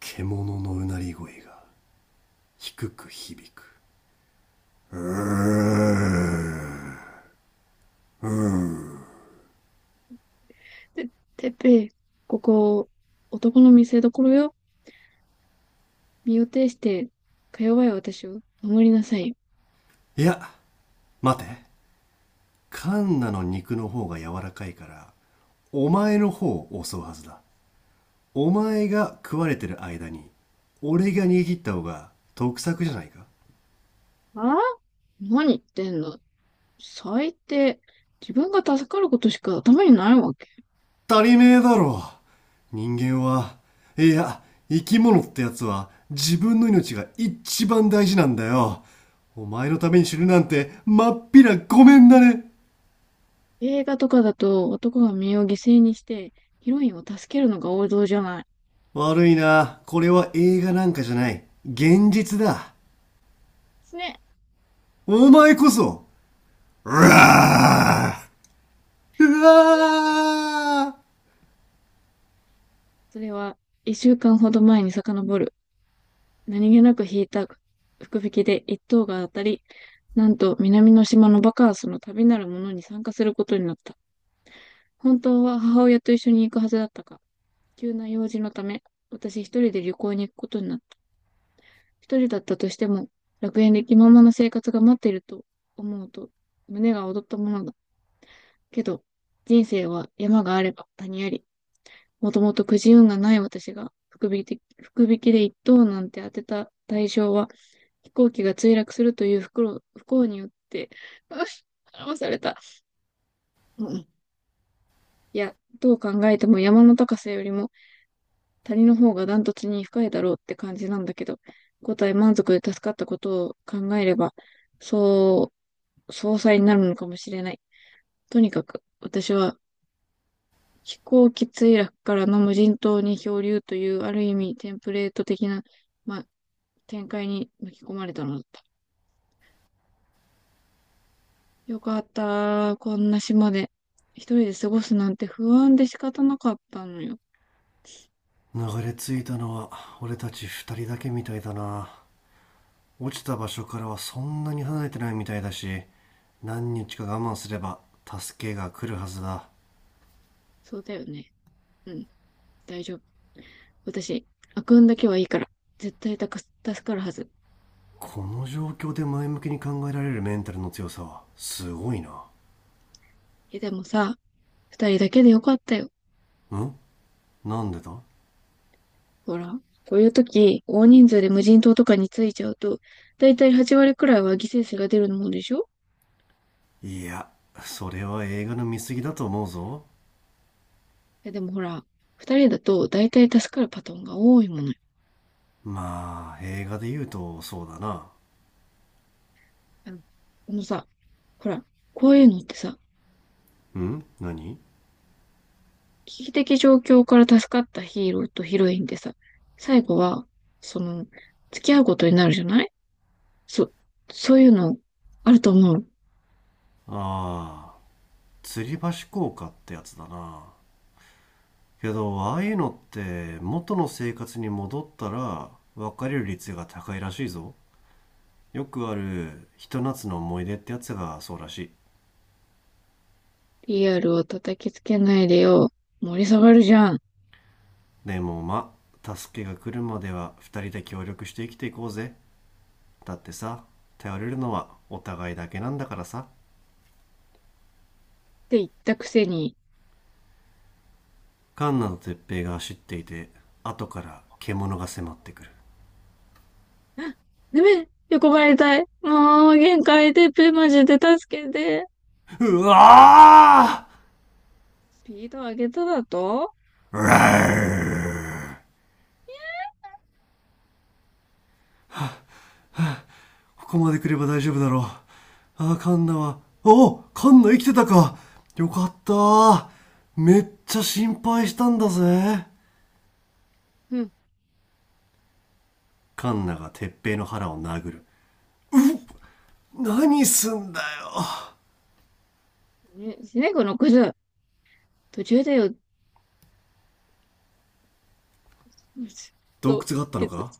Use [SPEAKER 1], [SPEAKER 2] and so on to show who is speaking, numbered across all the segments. [SPEAKER 1] 獣のうなり声が低く響く。
[SPEAKER 2] て、てっぺい、ここ、男の見せ所よ。身を挺して、か弱い私を守りなさい。
[SPEAKER 1] いや、待て。カンナの肉の方が柔らかいからお前の方を襲うはずだ。お前が食われてる間に俺が逃げ切った方が得策じゃないか。
[SPEAKER 2] ああ、何言ってんの。最低。自分が助かることしか頭にないわけ。
[SPEAKER 1] 足りねえだろ、人間は。いや、生き物ってやつは自分の命が一番大事なんだよ。お前のために死ぬなんてまっぴらごめんだね。
[SPEAKER 2] 映画とかだと男が身を犠牲にしてヒロインを助けるのが王道じゃない。
[SPEAKER 1] 悪いな。これは映画なんかじゃない。現実だ。
[SPEAKER 2] すね。
[SPEAKER 1] お前こそ。うわあ、うわあ。
[SPEAKER 2] それは一週間ほど前に遡る。何気なく引いた福引きで一等が当たり、なんと南の島のバカンスの旅なるものに参加することになった。本当は母親と一緒に行くはずだったが、急な用事のため、私一人で旅行に行くことになった。一人だったとしても、楽園で気ままな生活が待っていると思うと、胸が躍ったものだ。けど、人生は山があれば谷あり、もともとくじ運がない私が、福引きで一等なんて当てた対象は、飛行機が墜落するという不幸によって、うん、騙された。うん。いや、どう考えても山の高さよりも、谷の方がダントツに深いだろうって感じなんだけど、五体満足で助かったことを考えれば、そう、総裁になるのかもしれない。とにかく、私は飛行機墜落からの無人島に漂流というある意味テンプレート的な、まあ、展開に巻き込まれたのだった。よかった。こんな島で一人で過ごすなんて不安で仕方なかったのよ。
[SPEAKER 1] 流れ着いたのは俺たち二人だけみたいだな。落ちた場所からはそんなに離れてないみたいだし、何日か我慢すれば助けが来るはずだ。
[SPEAKER 2] そうだよね。うん、大丈夫。私、悪運だけはいいから、絶対助かるはず。
[SPEAKER 1] この状況で前向きに考えられるメンタルの強さはすごいな。
[SPEAKER 2] え、でもさ、二人だけでよかったよ。
[SPEAKER 1] ん？なんでだ？
[SPEAKER 2] ほら、こういう時、大人数で無人島とかに着いちゃうと、だいたい8割くらいは犠牲者が出るもんでしょ。
[SPEAKER 1] いや、それは映画の見過ぎだと思うぞ。
[SPEAKER 2] え、でもほら、二人だとだいたい助かるパターンが多いものよ。
[SPEAKER 1] まあ映画で言うとそうだな。
[SPEAKER 2] あの、このさ、ほら、こういうのってさ、
[SPEAKER 1] うん、何？
[SPEAKER 2] 危機的状況から助かったヒーローとヒロインでさ、最後は、その、付き合うことになるじゃない。そ、そういうの、あると思う。
[SPEAKER 1] ああ、吊り橋効果ってやつだな。けどああいうのって元の生活に戻ったら別れる率が高いらしいぞ。よくあるひと夏の思い出ってやつがそうらしい。
[SPEAKER 2] PR を叩きつけないでよ。盛り下がるじゃん。
[SPEAKER 1] でもまあ助けが来るまでは2人で協力して生きていこうぜ。だってさ、頼れるのはお互いだけなんだからさ。
[SPEAKER 2] て言ったくせに、
[SPEAKER 1] カンナと鉄平が走っていて後から獣が迫ってくる。
[SPEAKER 2] あ、ダメ、横ばいたい。もう、限界テープマジで助けて。
[SPEAKER 1] うわ
[SPEAKER 2] スピード上げただと。
[SPEAKER 1] ー、うわー。ここまで来れば大丈夫だろう。あー、カンナは、おー、カンナ、生きてたか。よかったー。めっちゃ心配したんだぜ。
[SPEAKER 2] うん。
[SPEAKER 1] カンナが鉄平の腹を殴る。何すんだよ。
[SPEAKER 2] ね、シネコの靴、途中でよ、
[SPEAKER 1] 洞
[SPEAKER 2] と、
[SPEAKER 1] 窟があったの
[SPEAKER 2] 靴、
[SPEAKER 1] か。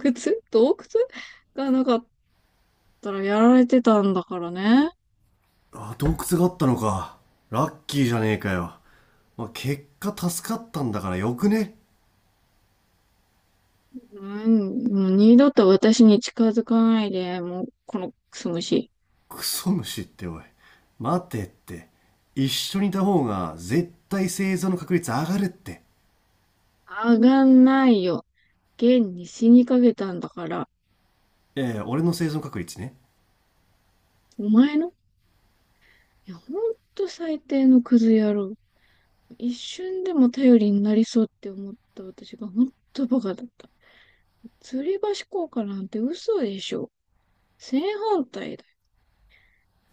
[SPEAKER 2] 靴、洞窟がなかったらやられてたんだからね。
[SPEAKER 1] あ、洞窟があったのか。ラッキーじゃねえかよ。まあ、結果助かったんだからよくね？
[SPEAKER 2] うん、もう二度と私に近づかないで、もう、このクソ虫。
[SPEAKER 1] クソ虫っておい。待てって。一緒にいた方が絶対生存の確率上がるって。
[SPEAKER 2] 上がんないよ。現に死にかけたんだから。
[SPEAKER 1] ええ、俺の生存確率ね？
[SPEAKER 2] お前の。いや、ほんと最低のクズ野郎。一瞬でも頼りになりそうって思った私が本当バカだった。吊り橋効果なんて嘘でしょ。正反対だよ。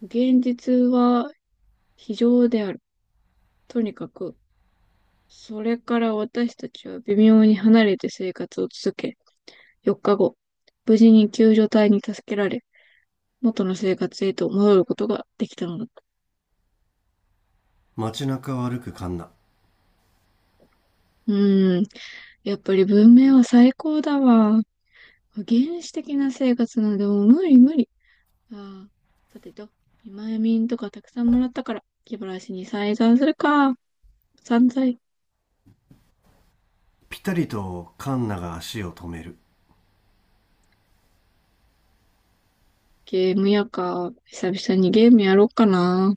[SPEAKER 2] 現実は非常である。とにかく、それから私たちは微妙に離れて生活を続け、4日後、無事に救助隊に助けられ、元の生活へと戻ることができたのだった。
[SPEAKER 1] 街中を歩くカンナ。
[SPEAKER 2] うーん、やっぱり文明は最高だわ。原始的な生活なんでもう無理無理。ああ、さてと、見舞い民とかたくさんもらったから、気晴らしに再三するか。散財。
[SPEAKER 1] ピタリとカンナが足を止める。
[SPEAKER 2] ゲームやか。久々にゲームやろうかな。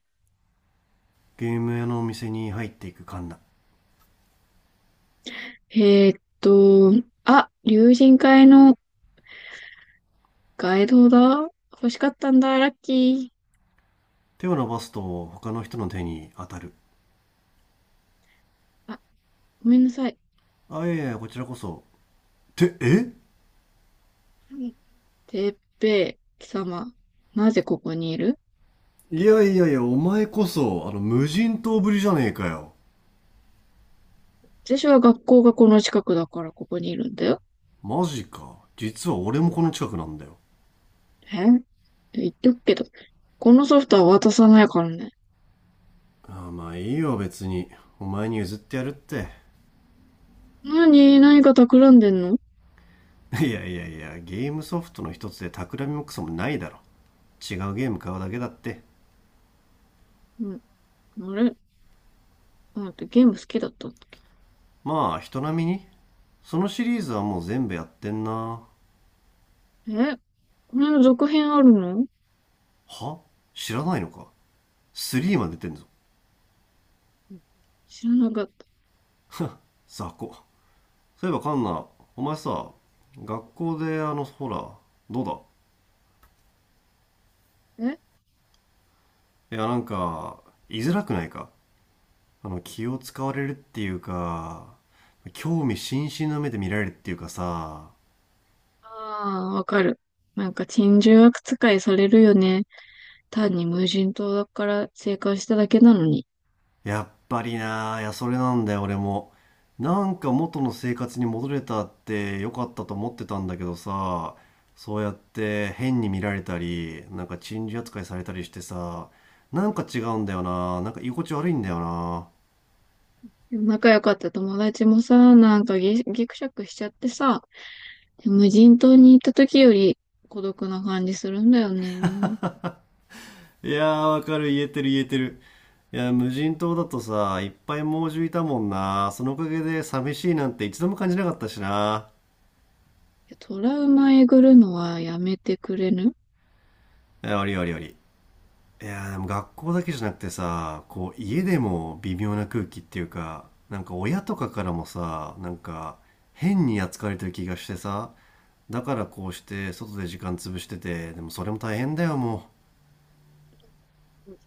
[SPEAKER 1] ゲーム屋のお店に入っていくカンナ。
[SPEAKER 2] えーっと、あ、竜神会のガイドだ。欲しかったんだ、ラッキ
[SPEAKER 1] 手を伸ばすと他の人の手に当たる。
[SPEAKER 2] ー。あ、ごめんなさい。
[SPEAKER 1] あ、いやいや、こちらこそ。ってえ。
[SPEAKER 2] てっぺい、貴様。なぜここにいる。
[SPEAKER 1] いやいやいや、お前こそ、あの無人島ぶりじゃねえかよ。
[SPEAKER 2] 私は学校がこの近くだからここにいるんだよ。
[SPEAKER 1] マジか、実は俺もこの近くなんだよ。
[SPEAKER 2] え、言っとくけど、このソフトは渡さないからね。
[SPEAKER 1] ああ、まあいいよ別に。お前に譲ってやるって。
[SPEAKER 2] 何か企んでんの。
[SPEAKER 1] いやいやいや、ゲームソフトの一つで企みもクソもないだろ。違うゲーム買うだけだって。
[SPEAKER 2] うん。あれ。あ、待って、ゲーム好きだったっけ。
[SPEAKER 1] まあ人並みに。そのシリーズはもう全部やってんな。
[SPEAKER 2] え、これの続編あるの。
[SPEAKER 1] は？知らないのか。3まで出てんぞ。
[SPEAKER 2] うん、知らなかった。
[SPEAKER 1] 雑魚。そういえばカンナ、お前さ、学校であのほら、どう
[SPEAKER 2] え、
[SPEAKER 1] だ？いや、なんか居づらくないか？あの気を使われるっていうか、興味津々の目で見られるっていうかさ。
[SPEAKER 2] ああー、わかる。なんか珍獣悪使いされるよね。単に無人島だから生還しただけなのに。
[SPEAKER 1] やっぱりなあ、いや、それなんだよ、俺も。なんか元の生活に戻れたって良かったと思ってたんだけどさ、そうやって変に見られたり、なんか珍事扱いされたりしてさ、なんか違うんだよな、なんか居心地悪いんだよな。
[SPEAKER 2] でも仲良かった友達もさ、なんかぎくしゃくしちゃってさ、無人島に行った時より孤独な感じするんだよね。い
[SPEAKER 1] いやー、わかる、言えてる、言えてる。いや、無人島だとさ、いっぱい猛獣いたもんな。そのおかげで寂しいなんて一度も感じなかったしな。
[SPEAKER 2] や、トラウマえぐるのはやめてくれぬ。
[SPEAKER 1] いや、ありありあり。いやーでも学校だけじゃなくてさ、こう家でも微妙な空気っていうか、なんか親とかからもさ、なんか変に扱われてる気がしてさ、だからこうして外で時間潰してて、でもそれも大変だよも。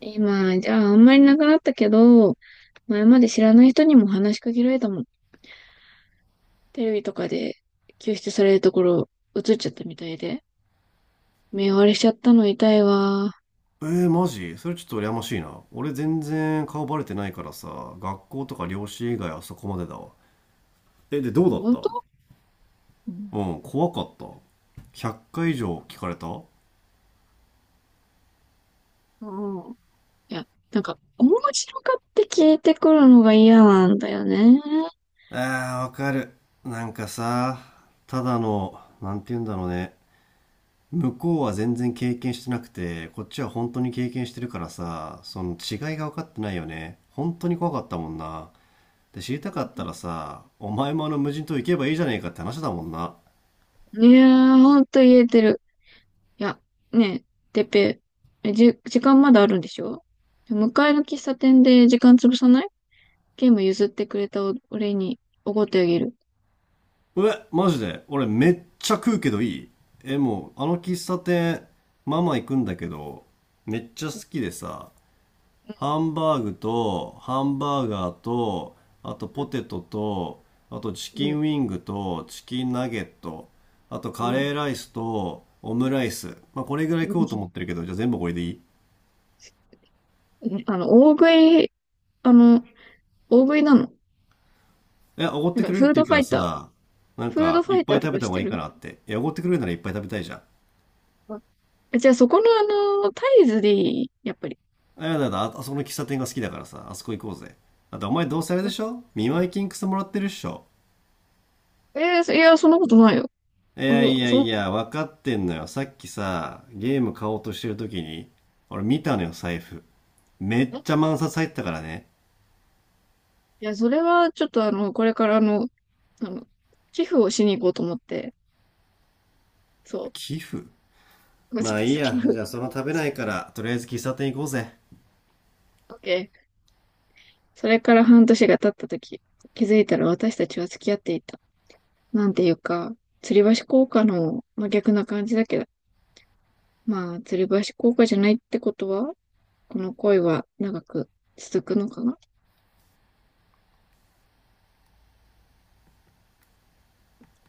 [SPEAKER 2] 今、じゃああんまりなくなったけど、前まで知らない人にも話しかけられたもん。テレビとかで救出されるところ映っちゃったみたいで。目割れしちゃったの痛いわ。
[SPEAKER 1] うえー、マジそれちょっと羨ましいな。俺全然顔バレてないからさ、学校とか両親以外はそこまでだわ。え、でどうだっ
[SPEAKER 2] 本
[SPEAKER 1] た？
[SPEAKER 2] 当。うん。
[SPEAKER 1] うん、怖かった？100回以上聞かれたあ
[SPEAKER 2] うん。いや、なんか、面白かって聞いてくるのが嫌なんだよね。
[SPEAKER 1] ー、わかる。なんかさ、ただの、なんて言うんだろうね、向こうは全然経験してなくて、こっちは本当に経験してるからさ、その違いが分かってないよね。本当に怖かったもんな。で、知りたかったらさ、お前もあの無人島行けばいいじゃねえかって話だもんな。
[SPEAKER 2] いやー、ほんと言えてる。いや、ねえ、てっぺ、えじ、時間まだあるんでしょ。向かいの喫茶店で時間潰さない。ゲーム譲ってくれた俺におごってあげる。
[SPEAKER 1] え、マジで俺めっちゃ食うけどいい？え、もう、あの喫茶店、ママ行くんだけど、めっちゃ好きでさ、
[SPEAKER 2] う
[SPEAKER 1] ハンバーグと、ハンバーガーと、あと
[SPEAKER 2] ん、
[SPEAKER 1] ポテトと、あとチ
[SPEAKER 2] う
[SPEAKER 1] キ
[SPEAKER 2] ん、う
[SPEAKER 1] ン
[SPEAKER 2] ん、
[SPEAKER 1] ウィングと、チキンナゲット、あと
[SPEAKER 2] う
[SPEAKER 1] カ
[SPEAKER 2] ん。
[SPEAKER 1] レーライスと、オムライス。まあ、これぐらい
[SPEAKER 2] う
[SPEAKER 1] 食
[SPEAKER 2] ん。
[SPEAKER 1] おうと思ってるけど、じゃあ全部これでいい？
[SPEAKER 2] 大食い、あの、大食いなの。
[SPEAKER 1] え、おごっ
[SPEAKER 2] なん
[SPEAKER 1] てく
[SPEAKER 2] か、
[SPEAKER 1] れるっ
[SPEAKER 2] フー
[SPEAKER 1] て
[SPEAKER 2] ド
[SPEAKER 1] 言う
[SPEAKER 2] フ
[SPEAKER 1] か
[SPEAKER 2] ァ
[SPEAKER 1] ら
[SPEAKER 2] イター。
[SPEAKER 1] さ、なん
[SPEAKER 2] フード
[SPEAKER 1] か、
[SPEAKER 2] フ
[SPEAKER 1] い
[SPEAKER 2] ァ
[SPEAKER 1] っ
[SPEAKER 2] イタ
[SPEAKER 1] ぱ
[SPEAKER 2] ー
[SPEAKER 1] い
[SPEAKER 2] と
[SPEAKER 1] 食べ
[SPEAKER 2] か
[SPEAKER 1] た
[SPEAKER 2] し
[SPEAKER 1] 方が
[SPEAKER 2] て
[SPEAKER 1] いい
[SPEAKER 2] る。
[SPEAKER 1] かなって。いや、おごってくれるならいっぱい食べたいじゃん。
[SPEAKER 2] あ、じゃあ、そこのタイズでいいやっぱり。
[SPEAKER 1] あ、やだやだ、あ、あそこの喫茶店が好きだからさ、あそこ行こうぜ。あとお前どうせあれでしょ、見舞い金くそもらってるっしょ。
[SPEAKER 2] えーいや、そんなことないよ。
[SPEAKER 1] いやい
[SPEAKER 2] そ、
[SPEAKER 1] や
[SPEAKER 2] そ
[SPEAKER 1] い
[SPEAKER 2] の、
[SPEAKER 1] や、分かってんのよ。さっきさ、ゲーム買おうとしてる時に、俺見たのよ、財布。めっ
[SPEAKER 2] い
[SPEAKER 1] ちゃ万札入ってたからね。
[SPEAKER 2] いや、それは、ちょっとこれからあの、寄付をしに行こうと思って、そ
[SPEAKER 1] 寄付。
[SPEAKER 2] う。
[SPEAKER 1] ま
[SPEAKER 2] そ
[SPEAKER 1] あ
[SPEAKER 2] の
[SPEAKER 1] いい
[SPEAKER 2] 先
[SPEAKER 1] や、
[SPEAKER 2] の、
[SPEAKER 1] じゃあその食べないから、とりあえず喫茶店行こうぜ。
[SPEAKER 2] オッケー。それから半年が経った時、気づいたら私たちは付き合っていた。なんていうか、吊り橋効果の真逆な感じだけど、まあ、吊り橋効果じゃないってことは、この恋は長く続くのかな。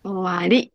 [SPEAKER 2] 終わり。